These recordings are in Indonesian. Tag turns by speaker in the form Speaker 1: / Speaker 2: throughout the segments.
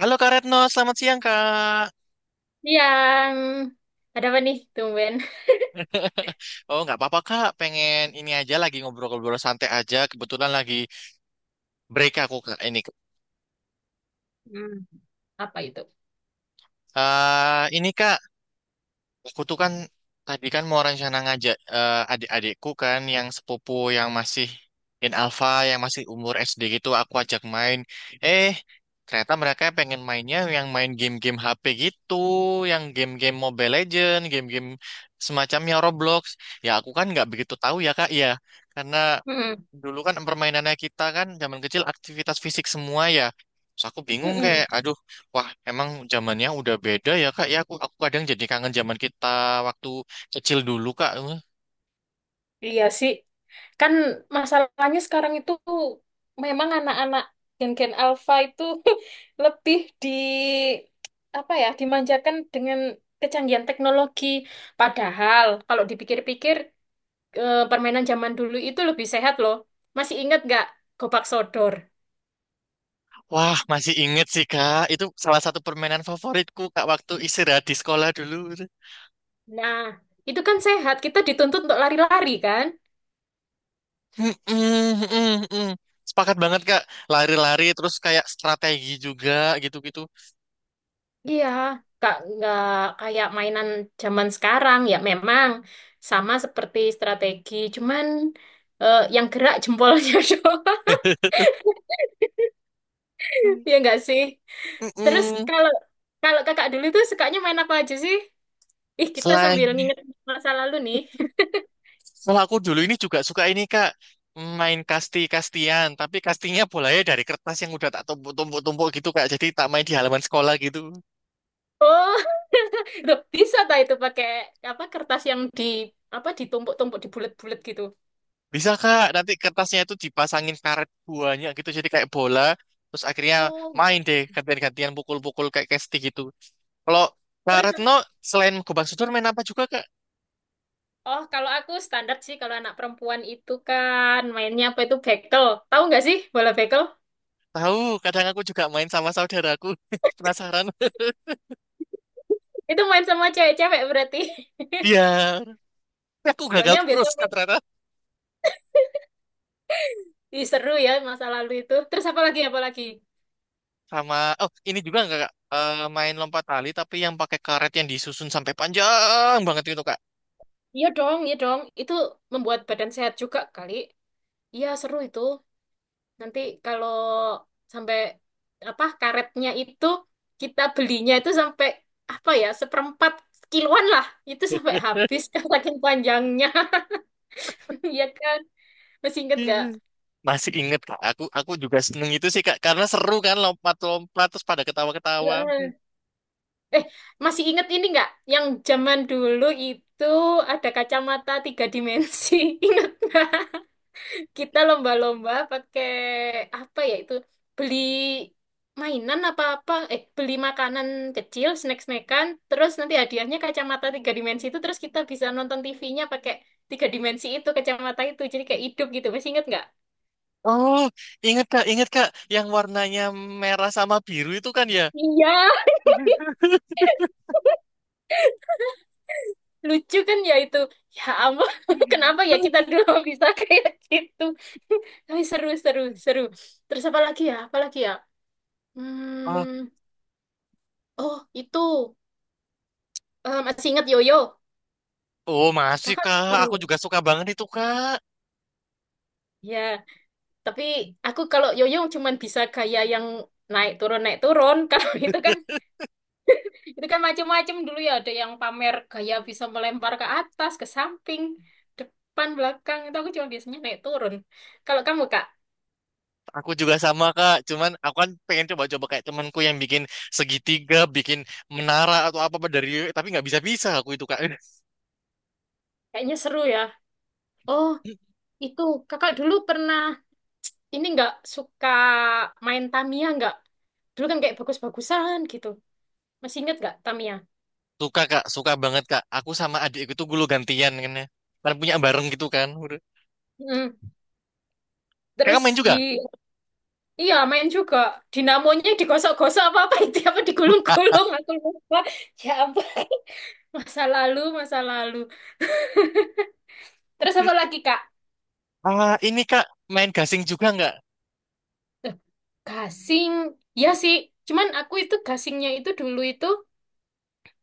Speaker 1: Halo Kak Retno, selamat siang Kak.
Speaker 2: Yang ada apa nih, tumben?
Speaker 1: Oh nggak apa-apa Kak, pengen ini aja lagi ngobrol-ngobrol santai aja. Kebetulan lagi break aku Kak ini.
Speaker 2: Apa itu?
Speaker 1: Ini Kak, aku tuh kan tadi kan mau rencana ngajak adik-adikku kan yang sepupu yang masih in alpha, yang masih umur SD gitu, aku ajak main. Eh Ternyata mereka pengen mainnya yang main game-game HP gitu, yang game-game Mobile Legend, game-game semacamnya Roblox. Ya aku kan nggak begitu tahu ya Kak, ya karena
Speaker 2: Mm-mm.
Speaker 1: dulu kan permainannya kita kan zaman kecil aktivitas fisik semua ya. Terus aku bingung
Speaker 2: Mm-mm.
Speaker 1: kayak, aduh, wah emang zamannya udah beda ya kak. Ya aku kadang jadi kangen zaman kita waktu kecil dulu kak.
Speaker 2: Iya sih. Kan masalahnya sekarang itu memang anak-anak gen-gen alpha itu lebih di apa ya, dimanjakan dengan kecanggihan teknologi. Padahal kalau dipikir-pikir permainan zaman dulu itu lebih sehat loh. Masih ingat nggak gobak sodor?
Speaker 1: Wah masih inget sih kak. Itu salah satu permainan favoritku kak waktu istirahat di sekolah dulu.
Speaker 2: Nah, itu kan sehat. Kita dituntut untuk lari-lari kan?
Speaker 1: Mm-mm, mm-mm. Sepakat banget kak. Lari-lari terus kayak strategi juga gitu-gitu.
Speaker 2: Iya, nggak kayak mainan zaman sekarang ya memang sama seperti strategi, cuman yang gerak jempolnya doang, ya nggak sih? Terus
Speaker 1: Mm-mm.
Speaker 2: kalau kalau kakak dulu tuh sukanya main apa aja sih? Ih, kita
Speaker 1: Selain
Speaker 2: sambil nginget masa lalu nih.
Speaker 1: kalau aku dulu ini juga suka ini Kak, main kasti-kastian, tapi kastinya bolanya dari kertas yang udah tak tumpuk-tumpuk-tumpuk gitu Kak. Jadi tak main di halaman sekolah gitu.
Speaker 2: Oh, loh, bisa tak itu pakai apa kertas yang di apa ditumpuk-tumpuk dibulet-bulet gitu.
Speaker 1: Bisa Kak, nanti kertasnya itu dipasangin karet buahnya gitu, jadi kayak bola. Terus akhirnya
Speaker 2: Oh,
Speaker 1: main
Speaker 2: iya.
Speaker 1: deh gantian-gantian pukul-pukul kayak kasti gitu. Kalau Kak
Speaker 2: Terus
Speaker 1: Retno, selain gobang sodor main apa juga Kak?
Speaker 2: oh, kalau aku standar sih kalau anak perempuan itu kan mainnya apa itu bekel. Tahu nggak sih bola bekel?
Speaker 1: Tahu, kadang aku juga main sama saudaraku. Penasaran?
Speaker 2: Itu main sama cewek-cewek berarti.
Speaker 1: Iya, tapi aku gagal
Speaker 2: Soalnya biasa
Speaker 1: terus Kak
Speaker 2: main
Speaker 1: ternyata.
Speaker 2: ih, seru ya masa lalu itu. Terus apa lagi apa lagi?
Speaker 1: Sama oh ini juga nggak Kak? Main lompat tali tapi yang pakai karet yang disusun sampai panjang banget gitu Kak.
Speaker 2: Iya dong, iya dong. Itu membuat badan sehat juga kali. Iya seru itu. Nanti kalau sampai apa karetnya itu kita belinya itu sampai apa ya seperempat kiloan lah. Itu sampai habis saking panjangnya. Iya kan? Masih inget nggak?
Speaker 1: Masih inget Kak, aku juga seneng itu sih Kak karena seru kan lompat-lompat terus pada ketawa-ketawa.
Speaker 2: Heeh. Eh, Masih inget ini nggak? Yang zaman dulu itu ada kacamata tiga dimensi. Ingat nggak? Kita lomba-lomba pakai apa ya itu? Beli mainan apa-apa. Eh, beli makanan kecil, snack-snackan. Terus nanti hadiahnya kacamata tiga dimensi itu. Terus kita bisa nonton TV-nya pakai tiga dimensi itu, kacamata itu. Jadi kayak hidup gitu. Masih inget nggak?
Speaker 1: Oh, inget Kak, inget Kak, yang warnanya merah sama biru itu kan ya.
Speaker 2: Iya. Lucu kan ya itu, ya ampun, kenapa ya kita dulu bisa kayak gitu. Tapi seru, seru, seru. Terus apa lagi ya, apa lagi ya,
Speaker 1: Oh,
Speaker 2: hmm, oh itu, masih ingat yoyo,
Speaker 1: oh masih
Speaker 2: kakak suka
Speaker 1: Kak, aku
Speaker 2: yoyo
Speaker 1: juga suka banget itu Kak.
Speaker 2: ya? Tapi aku kalau yoyo cuman bisa gaya yang naik turun naik turun. Kalau itu kan, itu kan macem-macem dulu ya, ada yang pamer gaya bisa melempar ke atas, ke samping, depan belakang. Itu aku cuma biasanya naik turun. Kalau kamu kak?
Speaker 1: Aku juga sama Kak, cuman aku kan pengen coba-coba kayak temanku yang bikin segitiga, bikin menara atau apa apa dari tapi nggak bisa-bisa aku itu Kak.
Speaker 2: Kayaknya seru ya. Oh, itu kakak dulu pernah ini nggak, suka main Tamiya nggak? Dulu kan kayak bagus-bagusan gitu. Masih inget nggak Tamiya?
Speaker 1: Suka Kak, suka banget Kak. Aku sama adikku itu gulu gantian kan ya. Kan punya bareng gitu kan. Udah.
Speaker 2: Mm.
Speaker 1: Kakak
Speaker 2: Terus
Speaker 1: main
Speaker 2: di
Speaker 1: juga?
Speaker 2: iya main juga, dinamonya digosok-gosok apa apa itu apa digulung-gulung aku lupa. Ya ampun. Masa lalu, masa lalu. Terus apa lagi, Kak?
Speaker 1: Ah, ini Kak, main gasing juga nggak?
Speaker 2: Eh, gasing. Ya sih, cuman aku itu gasingnya itu dulu itu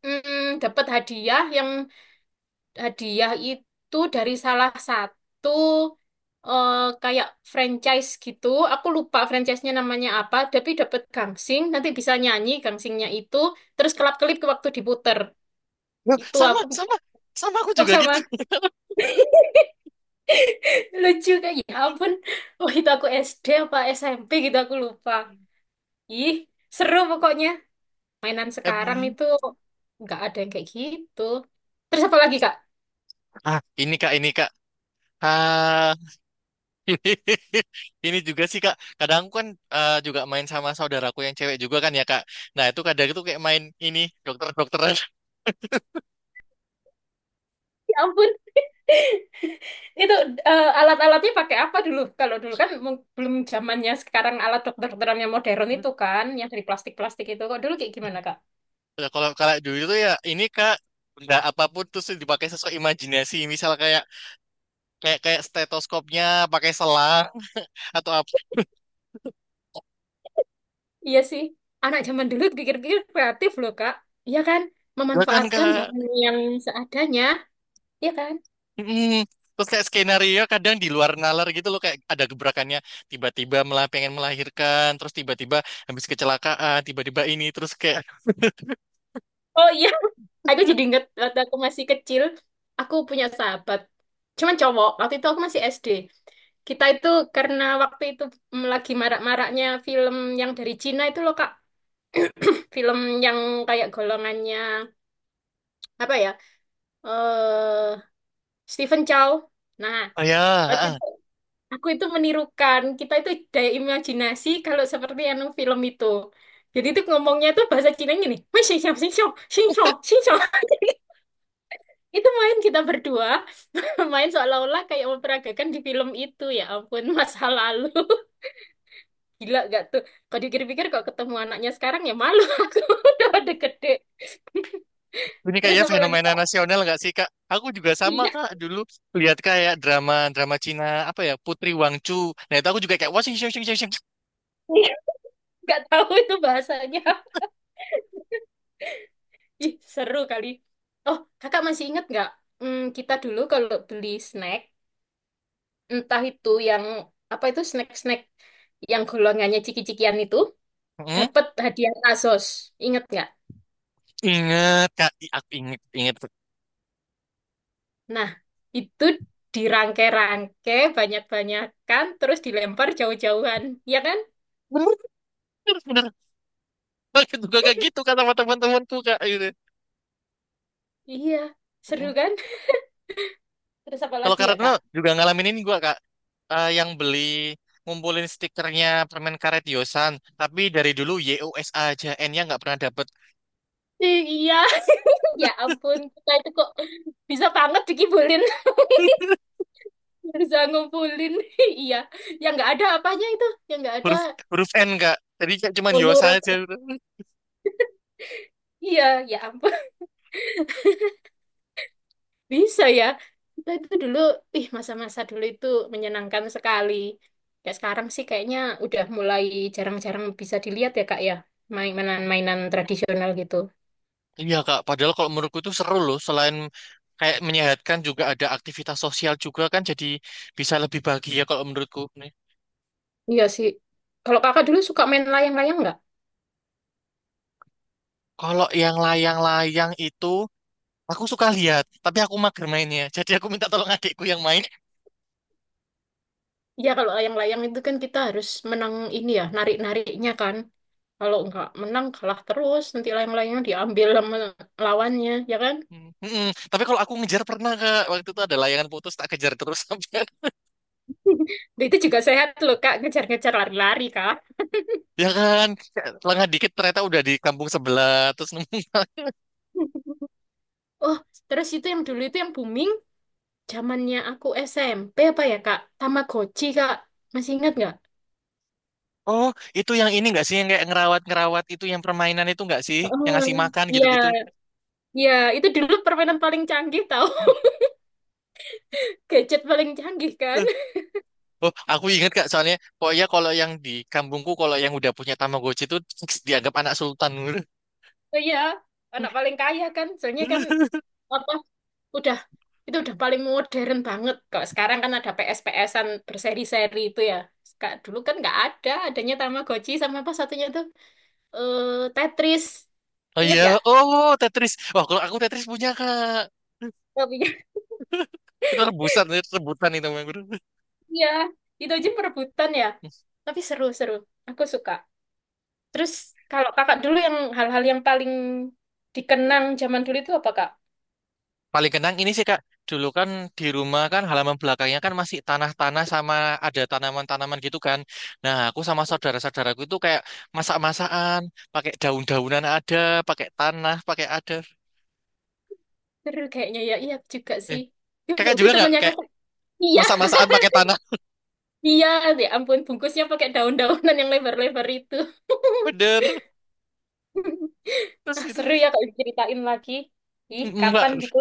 Speaker 2: dapat hadiah yang hadiah itu dari salah satu eh, kayak franchise gitu. Aku lupa franchise-nya namanya apa, tapi dapat gangsing, nanti bisa nyanyi gangsingnya itu, terus kelap-kelip ke waktu diputer.
Speaker 1: Loh,
Speaker 2: Itu
Speaker 1: sama,
Speaker 2: aku
Speaker 1: sama. Sama aku
Speaker 2: oh
Speaker 1: juga gitu.
Speaker 2: sama. Lucu kayak ya ampun. Oh itu aku SD apa SMP gitu aku lupa. Ih, seru pokoknya. Mainan sekarang
Speaker 1: Em,
Speaker 2: itu nggak ada yang kayak gitu. Terus apa lagi, Kak?
Speaker 1: Ah, ini Kak, ini Kak. Ah, Ini juga sih Kak, kadang aku kan juga main sama saudaraku yang cewek juga kan ya Kak. Nah itu kadang itu kayak main ini dokter-dokteran.
Speaker 2: Ya ampun. Itu alat-alatnya pakai apa dulu? Kalau dulu kan belum zamannya sekarang alat dokter-dokteran yang modern itu kan, yang dari plastik-plastik itu. Kok dulu kayak gimana, Kak?
Speaker 1: Nah, kalau kalau dulu itu ya ini Kak, benda apapun terus dipakai sesuai imajinasi. Misal kayak kayak kayak stetoskopnya pakai selang atau apa
Speaker 2: Iya sih, anak zaman dulu pikir-pikir kreatif loh, Kak. Iya kan?
Speaker 1: juga kan
Speaker 2: Memanfaatkan
Speaker 1: Kak.
Speaker 2: bahan yang seadanya, iya kan?
Speaker 1: mm Terus kayak skenario kadang di luar nalar gitu loh, kayak ada gebrakannya tiba-tiba malah pengen melahirkan, terus tiba-tiba habis kecelakaan tiba-tiba ini terus kayak
Speaker 2: Oh iya, aku jadi inget waktu aku masih kecil, aku punya sahabat. Cuman cowok, waktu itu aku masih SD. Kita itu karena waktu itu lagi marak-maraknya film yang dari Cina itu loh, Kak. Film yang kayak golongannya apa ya? eh Stephen Chow. Nah,
Speaker 1: oh ya,
Speaker 2: waktu
Speaker 1: ah.
Speaker 2: itu aku itu menirukan, kita itu daya imajinasi kalau seperti anu film itu. Jadi itu ngomongnya itu bahasa Cina gini, "Wei, xing xiao, xing xiao, xing xiao, xing xiao." Jadi itu main kita berdua, main seolah-olah kayak memperagakan di film itu. Ya ampun, masa lalu. Gila gak tuh? Kalau dipikir-pikir kok ketemu anaknya sekarang ya malu, aku, udah pada gede.
Speaker 1: Ini
Speaker 2: Terus
Speaker 1: kayaknya
Speaker 2: apa lagi
Speaker 1: fenomena
Speaker 2: kak?
Speaker 1: nasional nggak sih Kak? Aku juga sama
Speaker 2: Iya.
Speaker 1: Kak dulu lihat kayak drama drama Cina apa ya Putri Wangchu. Nah itu aku juga kayak wah sing sing sing sing. Sing.
Speaker 2: Nggak tahu itu bahasanya. Ih, seru kali. Oh, kakak masih ingat nggak? Hmm, kita dulu kalau beli snack, entah itu yang apa itu snack-snack yang golongannya ciki-cikian itu,
Speaker 1: Hmm,
Speaker 2: dapat hadiah Asos. Ingat nggak?
Speaker 1: ingat Kak, aku inget inget.
Speaker 2: Nah, itu dirangke-rangke, banyak-banyakan, terus dilempar jauh-jauhan. Iya kan?
Speaker 1: Bener, bener, bener. Aku juga kayak gitu Kak sama teman-temanku Kak. Gitu.
Speaker 2: Iya, seru
Speaker 1: Mm.
Speaker 2: kan? Terus apa
Speaker 1: Kalau
Speaker 2: lagi ya,
Speaker 1: karena
Speaker 2: Kak?
Speaker 1: juga ngalamin ini gua Kak. Yang beli ngumpulin stikernya permen karet Yosan, tapi dari dulu YOS aja, N-nya nggak pernah dapet.
Speaker 2: Iya, ya ampun, kita itu kok bisa banget dikibulin. Bisa ngumpulin iya, yang nggak ada apanya itu, yang nggak ada.
Speaker 1: Huruf Huruf N kak tadi kayak cuman
Speaker 2: Oh ya
Speaker 1: Yosa
Speaker 2: Rob.
Speaker 1: aja.
Speaker 2: Iya, ya ampun, bisa ya kita itu dulu. Ih, masa-masa dulu itu menyenangkan sekali, ya sekarang sih kayaknya udah mulai jarang-jarang bisa dilihat ya kak ya, mainan-mainan tradisional gitu.
Speaker 1: Iya kak, padahal kalau menurutku itu seru loh, selain kayak menyehatkan juga ada aktivitas sosial juga kan, jadi bisa lebih bahagia kalau menurutku nih.
Speaker 2: Iya sih. Kalau kakak dulu suka main layang-layang nggak?
Speaker 1: Kalau yang layang-layang itu aku suka lihat tapi aku mager mainnya. Jadi aku minta tolong adikku yang main.
Speaker 2: Iya kalau layang-layang itu kan kita harus menang ini ya, narik-nariknya kan. Kalau nggak menang kalah terus nanti layang-layangnya diambil sama lawannya ya kan.
Speaker 1: Hmm, mm-mm. Tapi kalau aku ngejar pernah kak, waktu itu ada layangan putus tak kejar terus sampai
Speaker 2: Itu juga sehat loh Kak, ngejar-ngejar lari-lari Kak.
Speaker 1: ya kan lengah dikit ternyata udah di kampung sebelah terus nemu.
Speaker 2: Oh, terus itu yang dulu itu yang booming, zamannya aku SMP apa ya Kak? Tamagotchi Kak, masih ingat nggak?
Speaker 1: Oh, itu yang ini nggak sih yang kayak ngerawat-ngerawat itu yang permainan itu nggak sih yang ngasih
Speaker 2: Heeh.
Speaker 1: makan
Speaker 2: Ya,
Speaker 1: gitu-gitu?
Speaker 2: iya, itu dulu permainan paling canggih tau, gadget paling canggih kan?
Speaker 1: Eh, Oh, aku inget Kak, soalnya pokoknya kalau yang di kampungku kalau yang udah punya Tamagotchi itu fix dianggap anak sultan. Gitu.
Speaker 2: Oh iya, anak paling kaya kan, soalnya kan apa? Udah itu udah paling modern banget. Kalau sekarang kan ada PS-PSan berseri-seri itu ya. Kak, dulu kan nggak ada, adanya Tamagotchi sama apa satunya itu? Eh Tetris.
Speaker 1: Oh
Speaker 2: Ingat
Speaker 1: iya,
Speaker 2: gak?
Speaker 1: oh Tetris. Wah, kalau aku Tetris punya Kak.
Speaker 2: Tapi
Speaker 1: Itu rebusan, rebutan itu Bang.
Speaker 2: iya, itu aja perebutan ya. Tapi seru-seru. Aku suka. Terus kalau kakak dulu yang hal-hal yang paling dikenang zaman dulu itu apa kak?
Speaker 1: Paling kenang ini sih Kak, dulu kan di rumah kan halaman belakangnya kan masih tanah-tanah sama ada tanaman-tanaman gitu kan. Nah, aku sama saudara-saudaraku itu kayak masak-masakan, pakai daun-daunan ada, pakai tanah, pakai ada.
Speaker 2: Seru kayaknya ya. Iya juga
Speaker 1: Eh,
Speaker 2: sih. Ya,
Speaker 1: Kakak
Speaker 2: berarti
Speaker 1: juga nggak
Speaker 2: temennya
Speaker 1: kayak
Speaker 2: kakak. Iya,
Speaker 1: masak-masakan pakai tanah?
Speaker 2: iya. Ya ampun, bungkusnya pakai daun-daunan yang lebar-lebar itu.
Speaker 1: Bener. Terus
Speaker 2: Ah, seru
Speaker 1: ini
Speaker 2: ya kalau diceritain lagi. Ih, kapan
Speaker 1: enggak.
Speaker 2: gitu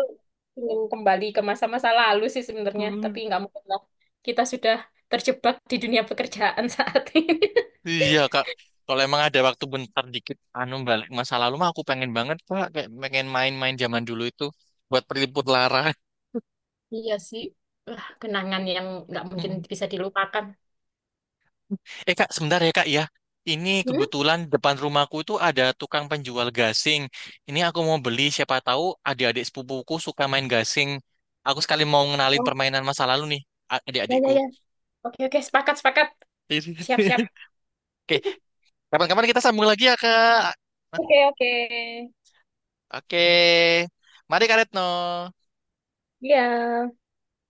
Speaker 2: ingin kembali ke masa-masa lalu sih sebenarnya. Tapi nggak mungkin lah. Kita sudah terjebak di dunia pekerjaan saat ini.
Speaker 1: Iya Kak. Kalau emang ada waktu bentar dikit anu balik masa lalu mah aku pengen banget Kak, kayak pengen main-main zaman dulu itu buat peliput lara.
Speaker 2: Iya sih. Wah, kenangan yang nggak mungkin bisa dilupakan.
Speaker 1: Eh kak, sebentar ya kak ya. Ini
Speaker 2: Hmm?
Speaker 1: kebetulan depan rumahku itu ada tukang penjual gasing. Ini aku mau beli, siapa tahu adik-adik sepupuku suka main gasing. Aku sekali mau ngenalin
Speaker 2: Oh,
Speaker 1: permainan masa lalu nih, a-
Speaker 2: ya, ya,
Speaker 1: adik-adikku.
Speaker 2: ya. Oke, oke. Sepakat, sepakat. Siap, siap.
Speaker 1: Oke, kapan-kapan kita sambung lagi ya kak.
Speaker 2: Oke, oke.
Speaker 1: Oke, mari Kak Retno.
Speaker 2: Iya.